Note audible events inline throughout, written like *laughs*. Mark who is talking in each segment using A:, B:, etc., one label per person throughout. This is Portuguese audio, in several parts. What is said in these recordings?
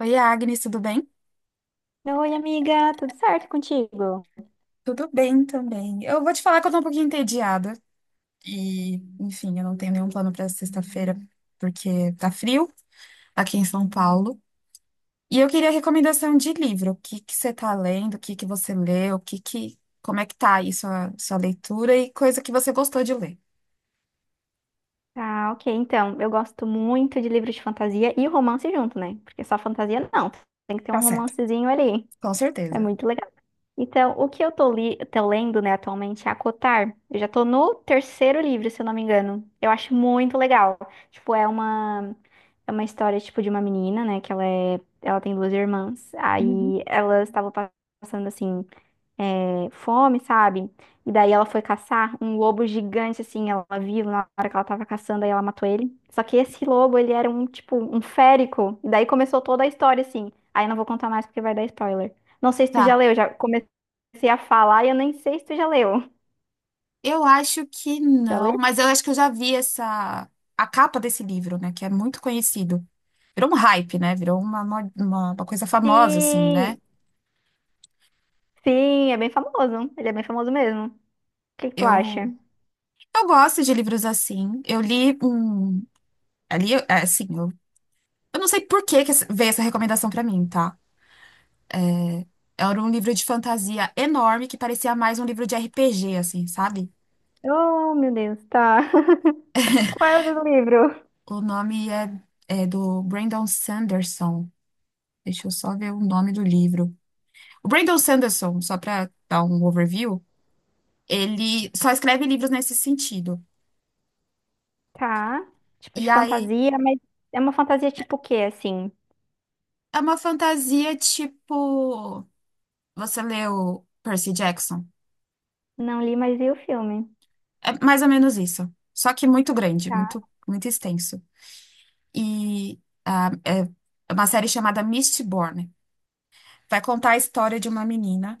A: Oi, Agnes, tudo bem?
B: Oi, amiga, tudo certo contigo?
A: Tudo bem também. Eu vou te falar que eu tô um pouquinho entediada. E, enfim, eu não tenho nenhum plano pra sexta-feira, porque tá frio aqui em São Paulo. E eu queria recomendação de livro. O que que você tá lendo? O que que você leu? O que que, como é que tá aí sua leitura e coisa que você gostou de ler.
B: Ah, ok, então, eu gosto muito de livros de fantasia e romance junto, né? Porque só fantasia não, tem que ter
A: Tá
B: um
A: certo.
B: romancezinho ali.
A: Com
B: É
A: certeza.
B: muito legal. Então, o que eu tô lendo, né, atualmente é Acotar. Eu já tô no terceiro livro, se eu não me engano. Eu acho muito legal. Tipo, é uma história tipo de uma menina, né, que ela tem duas irmãs.
A: Uhum.
B: Aí elas estavam passando assim fome, sabe? E daí ela foi caçar um lobo gigante, assim, ela viu na hora que ela tava caçando, aí ela matou ele. Só que esse lobo, ele era um, tipo, um férico. E daí começou toda a história, assim. Aí não vou contar mais porque vai dar spoiler. Não sei se tu já
A: Tá.
B: leu, já comecei a falar e eu nem sei se tu já leu.
A: Eu acho que
B: Já
A: não,
B: leu?
A: mas eu acho que eu já vi essa a capa desse livro, né, que é muito conhecido. Virou um hype, né? Virou uma coisa famosa assim, né?
B: Sim! Sim, é bem famoso. Ele é bem famoso mesmo. O que que tu acha?
A: Eu eu gosto de livros assim. Eu li um ali eu- é, assim, eu não sei por que veio essa recomendação pra mim, tá? Era um livro de fantasia enorme que parecia mais um livro de RPG assim, sabe?
B: Oh, meu Deus, tá. *laughs* Qual é o livro?
A: O nome é, é do Brandon Sanderson. Deixa eu só ver o nome do livro. O Brandon Sanderson, só para dar um overview, ele só escreve livros nesse sentido.
B: Tá. Tipo
A: E
B: de
A: aí
B: fantasia, mas é uma fantasia tipo o quê, assim?
A: é uma fantasia tipo. Você leu Percy Jackson?
B: Não li, mas vi o filme.
A: É mais ou menos isso. Só que muito grande,
B: Tá.
A: muito extenso. E é uma série chamada Mistborn. Vai contar a história de uma menina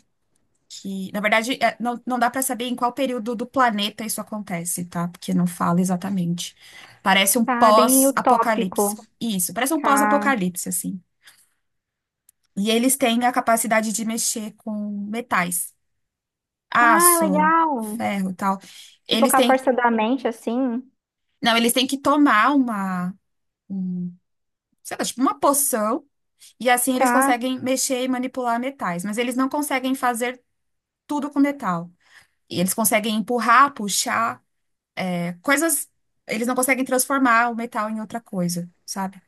A: que, na verdade, não, não dá para saber em qual período do planeta isso acontece, tá? Porque não fala exatamente. Parece um
B: Tá bem
A: pós-apocalipse.
B: utópico.
A: Isso, parece um
B: Tá.
A: pós-apocalipse, assim. E eles têm a capacidade de mexer com metais,
B: Ah,
A: aço,
B: legal.
A: ferro, e tal.
B: Tipo,
A: Eles
B: com a
A: têm,
B: força da mente, assim.
A: não, eles têm que tomar um, sei lá, tipo uma poção e assim eles
B: Tá.
A: conseguem mexer e manipular metais, mas eles não conseguem fazer tudo com metal. E eles conseguem empurrar, puxar, coisas. Eles não conseguem transformar o metal em outra coisa, sabe?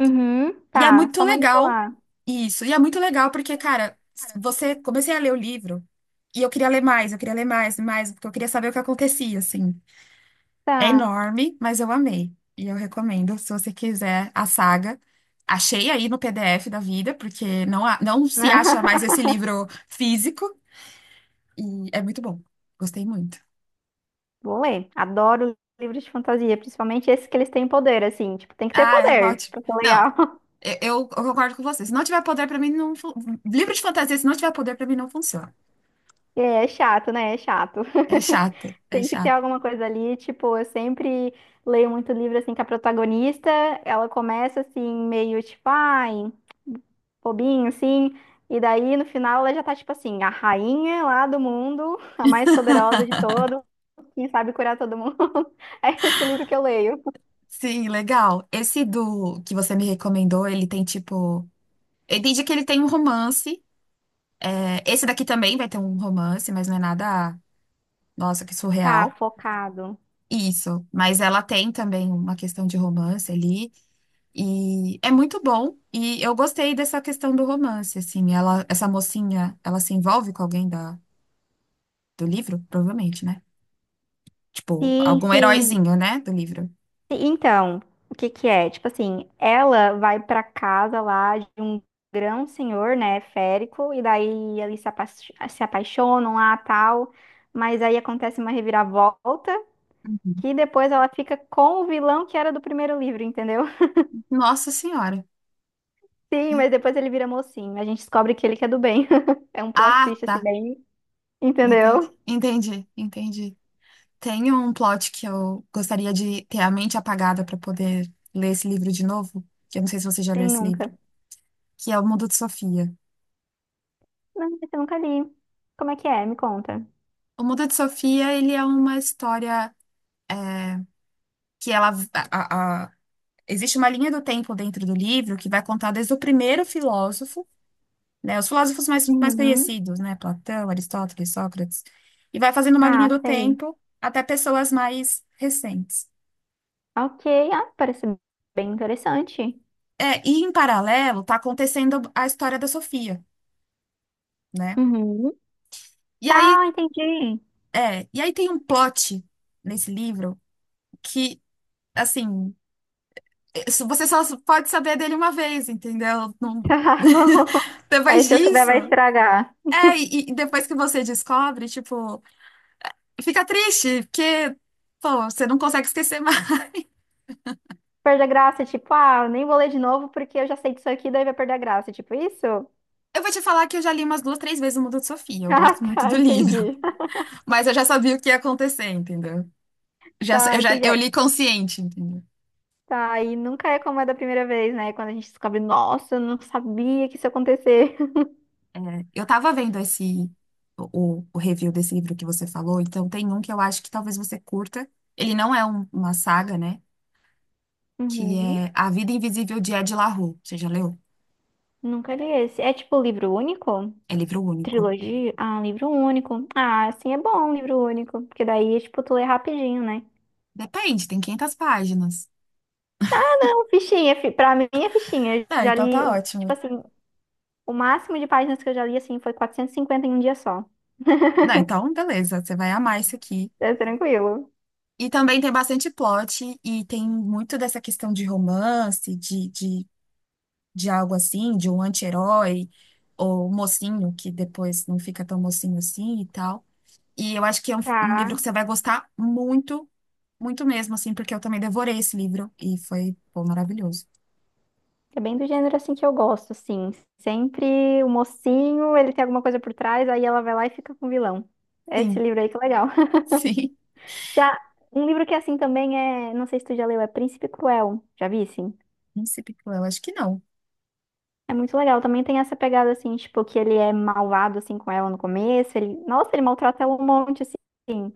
B: Uhum.
A: E é
B: Tá.
A: muito
B: Só
A: legal
B: manipular.
A: isso. E é muito legal porque,
B: Legal,
A: cara,
B: cara.
A: você comecei a ler o livro e eu queria ler mais, eu queria ler mais, e mais, porque eu queria saber o que acontecia, assim. É
B: Tá.
A: enorme, mas eu amei. E eu recomendo, se você quiser, a saga. Achei aí no PDF da vida, porque não se acha mais
B: *laughs*
A: esse livro físico. E é muito bom. Gostei muito.
B: Vou ler. Adoro livros de fantasia, principalmente esses que eles têm poder, assim. Tipo, tem que ter
A: Ah, é
B: poder
A: ótimo.
B: pra ser
A: Não,
B: legal. *laughs*
A: eu concordo com você. Se não tiver poder, pra mim, não. fun- livro de fantasia, se não tiver poder, pra mim, não funciona.
B: É, é chato, né? É chato.
A: É chato,
B: *laughs*
A: é
B: Tem que ter
A: chato.
B: alguma coisa ali. Tipo, eu sempre leio muito livro, assim, que a protagonista, ela começa, assim, meio tipo, ai, bobinho, assim. E daí, no final, ela já tá, tipo assim, a rainha lá do mundo, a mais poderosa de todo, quem sabe curar todo mundo. *laughs* É esse o livro que eu leio.
A: Sim, legal. Esse do que você me recomendou, ele tem tipo. Eu entendi que ele tem um romance. É, esse daqui também vai ter um romance, mas não é nada. Nossa, que
B: Tá,
A: surreal.
B: focado.
A: Isso. Mas ela tem também uma questão de romance ali. E é muito bom. E eu gostei dessa questão do romance, assim. Ela, essa mocinha, ela se envolve com alguém do livro? Provavelmente, né? Tipo,
B: Sim,
A: algum
B: sim.
A: heróizinho, né, do livro.
B: Então, o que que é? Tipo assim, ela vai pra casa lá de um grão senhor, né, férico, e daí eles se apaixonam lá, tal, mas aí acontece uma reviravolta,
A: Uhum.
B: que depois ela fica com o vilão que era do primeiro livro, entendeu?
A: Nossa Senhora.
B: Sim, mas depois ele vira mocinho. A gente descobre que ele que é do bem. *laughs* É um plot
A: Ah,
B: twist assim,
A: tá.
B: bem.
A: Entendi.
B: Entendeu?
A: Entendi. Tem um plot que eu gostaria de ter a mente apagada para poder ler esse livro de novo, que eu não sei se você já leu
B: Quem
A: esse livro,
B: nunca?
A: que é O Mundo de Sofia.
B: Não, esse eu nunca li. Como é que é? Me conta.
A: O Mundo de Sofia, ele é uma história que ela a- existe uma linha do tempo dentro do livro que vai contar desde o primeiro filósofo, né? Os filósofos mais
B: Uhum.
A: conhecidos, né? Platão, Aristóteles, Sócrates. E vai fazendo uma linha
B: Tá,
A: do
B: sei.
A: tempo até pessoas mais recentes.
B: Ok, ah, parece bem interessante.
A: É, e em paralelo, tá acontecendo a história da Sofia, né?
B: Uhum.
A: E aí,
B: Tá, entendi. *laughs*
A: e aí tem um plot nesse livro que, assim, você só pode saber dele uma vez, entendeu? Não-
B: Tá
A: *laughs*
B: bom. Aí
A: Depois
B: se eu souber,
A: disso.
B: vai estragar.
A: E depois que você descobre, tipo, fica triste, porque, pô, você não consegue esquecer.
B: Perde a graça, tipo, ah, eu nem vou ler de novo porque eu já sei disso aqui, daí vai perder a graça. Tipo, isso? *laughs*
A: Eu vou te falar que eu já li umas duas, três vezes o Mundo de Sofia. Eu
B: Ah,
A: gosto muito
B: tá,
A: do livro,
B: entendi.
A: *laughs* mas eu já sabia o que ia acontecer, entendeu?
B: Tá,
A: Já
B: entendi.
A: eu li consciente, entendeu?
B: Tá, e nunca é como é da primeira vez, né? Quando a gente descobre, nossa, eu não sabia que isso ia acontecer. *laughs*
A: É, eu tava vendo o review desse livro que você falou, então tem um que eu acho que talvez você curta. Ele não é uma saga, né? Que
B: Uhum.
A: é A Vida Invisível de Ed La Rue. Você já leu?
B: Nunca li esse. É tipo livro único?
A: É livro único.
B: Trilogia? Ah, livro único. Ah, assim é bom, um livro único. Porque daí, é, tipo, tu lê rapidinho, né?
A: Depende, tem 500 páginas.
B: Então, fichinha, pra mim é fichinha. Eu
A: Ah,
B: já
A: então
B: li,
A: tá
B: um-
A: ótimo.
B: tipo assim, o máximo de páginas que eu já li, assim, foi 450 em um dia só.
A: Não, então beleza, você vai amar isso aqui.
B: É tranquilo.
A: E também tem bastante plot e tem muito dessa questão de romance, de algo assim, de um anti-herói ou mocinho, que depois não fica tão mocinho assim e tal. E eu acho que é um livro
B: Tá.
A: que você vai gostar muito, muito mesmo, assim, porque eu também devorei esse livro e foi, pô, maravilhoso.
B: É bem do gênero assim que eu gosto, sim. Sempre o mocinho, ele tem alguma coisa por trás, aí ela vai lá e fica com o vilão. Esse
A: Sim,
B: livro aí que é legal. *laughs*
A: *laughs* sim.
B: Já um livro que é assim também é, não sei se tu já leu, é Príncipe Cruel. Já vi, sim.
A: Príncipe Cruel, acho que não.
B: É muito legal. Também tem essa pegada assim, tipo, que ele é malvado assim com ela no começo, ele, nossa, ele maltrata ela um monte assim.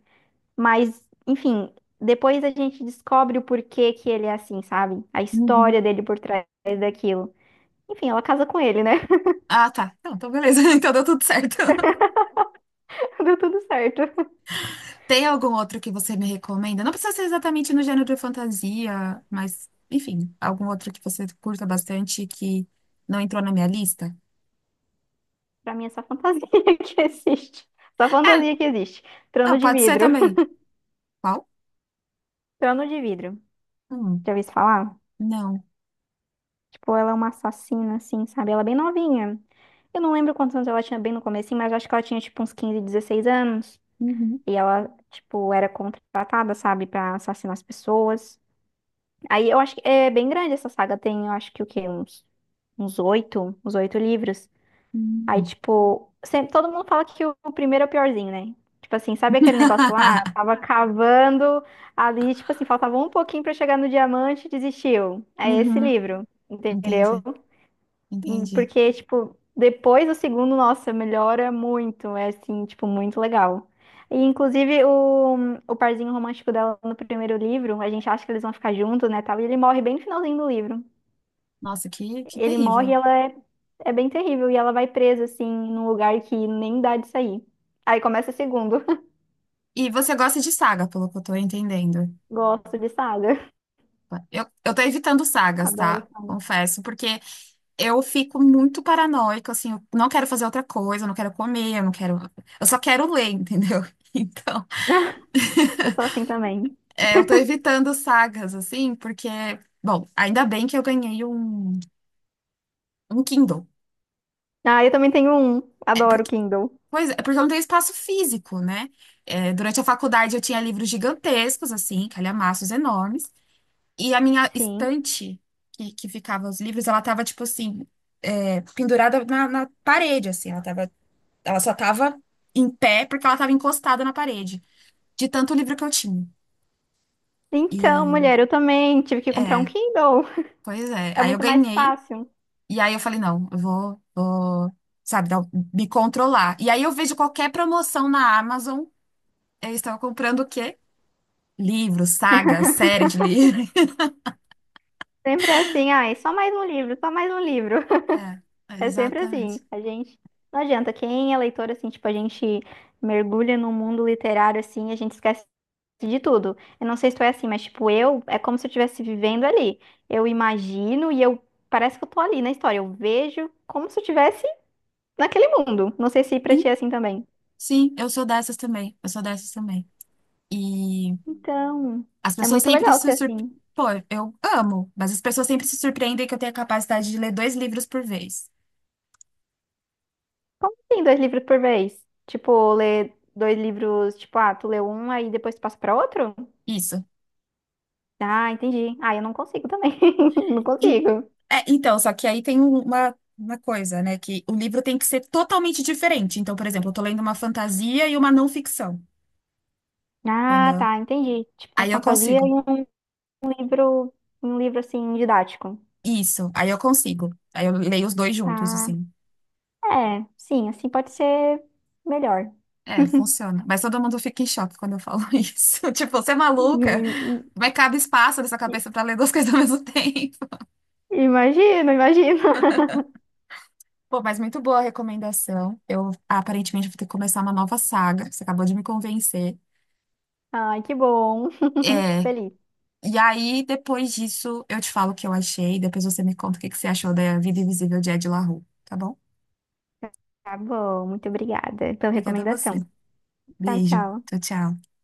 B: Mas, enfim, depois a gente descobre o porquê que ele é assim, sabe? A
A: Uhum.
B: história dele por trás daquilo. Enfim, ela casa com ele, né?
A: Ah, tá. Então, então beleza. *laughs* Então deu tudo certo.
B: *laughs* Deu tudo certo.
A: Tem algum outro que você me recomenda? Não precisa ser exatamente no gênero de fantasia, mas, enfim, algum outro que você curta bastante e que não entrou na minha lista?
B: Pra mim é só fantasia *laughs* que existe. Só
A: É,
B: fantasia que existe.
A: não,
B: Trono de
A: pode ser
B: vidro.
A: também. Qual?
B: Trono de vidro.
A: Hum,
B: Já ouviu isso falar?
A: não.
B: Tipo, ela é uma assassina, assim, sabe? Ela é bem novinha. Eu não lembro quantos anos ela tinha bem no comecinho, mas acho que ela tinha, tipo, uns 15 16 anos.
A: Uhum.
B: E ela, tipo, era contratada, sabe? Pra assassinar as pessoas. Aí eu acho que é bem grande essa saga. Tem, eu acho que o quê? Uns oito livros. Aí,
A: Uhum.
B: tipo, sempre, todo mundo fala que o primeiro é o piorzinho, né? Tipo assim, sabe aquele negócio lá?
A: *laughs*
B: Tava cavando ali, tipo assim, faltava um pouquinho pra chegar no diamante e desistiu. É esse
A: Uhum.
B: livro, entendeu?
A: Entendi,
B: E
A: entendi.
B: porque, tipo, depois do segundo, nossa, melhora muito. É assim, tipo, muito legal. E, inclusive, o, parzinho romântico dela no primeiro livro, a gente acha que eles vão ficar juntos, né, tal, e ele morre bem no finalzinho do livro.
A: Nossa, que
B: Ele morre, e
A: terrível.
B: ela é bem terrível e ela vai presa assim num lugar que nem dá de sair. Aí começa o segundo. *laughs*
A: E você gosta de saga, pelo que eu tô entendendo.
B: Gosto de saga.
A: Eu tô evitando sagas, tá?
B: Adoro saga.
A: Confesso, porque eu fico muito paranoica, assim, eu não quero fazer outra coisa, eu não quero comer, eu não quero. Eu só quero ler, entendeu? *laughs* Então,
B: *laughs* Eu sou assim também.
A: é, eu tô evitando sagas, assim, porque, bom, ainda bem que eu ganhei um Kindle.
B: Ah, eu também tenho um.
A: É
B: Adoro
A: porque,
B: Kindle.
A: pois é, porque eu não tenho espaço físico, né? É, durante a faculdade eu tinha livros gigantescos, assim, calhamaços enormes, e a minha
B: Sim.
A: estante que ficava os livros, ela tava, tipo assim, é, pendurada na parede, assim, ela só tava em pé porque ela tava encostada na parede, de tanto livro que eu tinha. E
B: Então, mulher, eu também tive que comprar um
A: é,
B: Kindle.
A: pois é.
B: É
A: Aí eu
B: muito mais
A: ganhei,
B: fácil.
A: e aí eu falei, não, sabe, dar- me controlar. E aí eu vejo qualquer promoção na Amazon, eu estava comprando o quê? Livro, saga, série de livro. *laughs*
B: Sempre é assim, ai, só mais um livro, só mais um livro.
A: É,
B: É sempre
A: exatamente.
B: assim. A gente. Não adianta. Quem é leitor, assim, tipo, a gente mergulha no mundo literário, assim, a gente esquece de tudo. Eu não sei se tu é assim, mas, tipo, eu. É como se eu estivesse vivendo ali. Eu imagino e eu. Parece que eu tô ali na história. Eu vejo como se eu estivesse naquele mundo. Não sei se pra ti é
A: Sim,
B: assim também.
A: sim, eu sou dessas também. Eu sou dessas também. E
B: Então.
A: as
B: É
A: pessoas
B: muito
A: sempre
B: legal
A: se
B: ser
A: surpreendem.
B: assim.
A: Pô, eu amo, mas as pessoas sempre se surpreendem que eu tenho a capacidade de ler dois livros por vez.
B: Como assim, dois livros por vez? Tipo, ler dois livros. Tipo, ah, tu lê um, aí depois tu passa pra outro?
A: Isso.
B: Ah, entendi. Ah, eu não consigo também. *laughs* Não
A: Em-
B: consigo.
A: é, então, só que aí tem uma coisa, né? Que o livro tem que ser totalmente diferente. Então, por exemplo, eu tô lendo uma fantasia e uma não ficção,
B: Ah,
A: entendeu?
B: tá, entendi. Tipo uma
A: Aí eu
B: fantasia
A: consigo.
B: e um livro, um livro assim didático.
A: Isso, aí eu consigo. Aí eu leio os dois juntos,
B: Ah,
A: assim.
B: é, sim, assim pode ser melhor.
A: É, funciona. Mas todo mundo fica em choque quando eu falo *laughs* isso. Tipo, você é maluca?
B: I-
A: Vai cabe espaço nessa
B: i-
A: cabeça pra ler duas coisas ao mesmo *laughs* tempo.
B: Imagino, imagino. *laughs*
A: Pô, mas muito boa a recomendação. Eu aparentemente vou ter que começar uma nova saga. Você acabou de me convencer.
B: Ai, que bom. *laughs* Fico
A: É,
B: feliz.
A: e aí, depois disso, eu te falo o que eu achei. Depois você me conta o que que você achou da Vida Invisível de Ed La Rue, tá bom?
B: Tá bom, muito obrigada pela
A: Obrigada a você.
B: recomendação. Tchau,
A: Beijo.
B: tchau.
A: Tchau, tchau.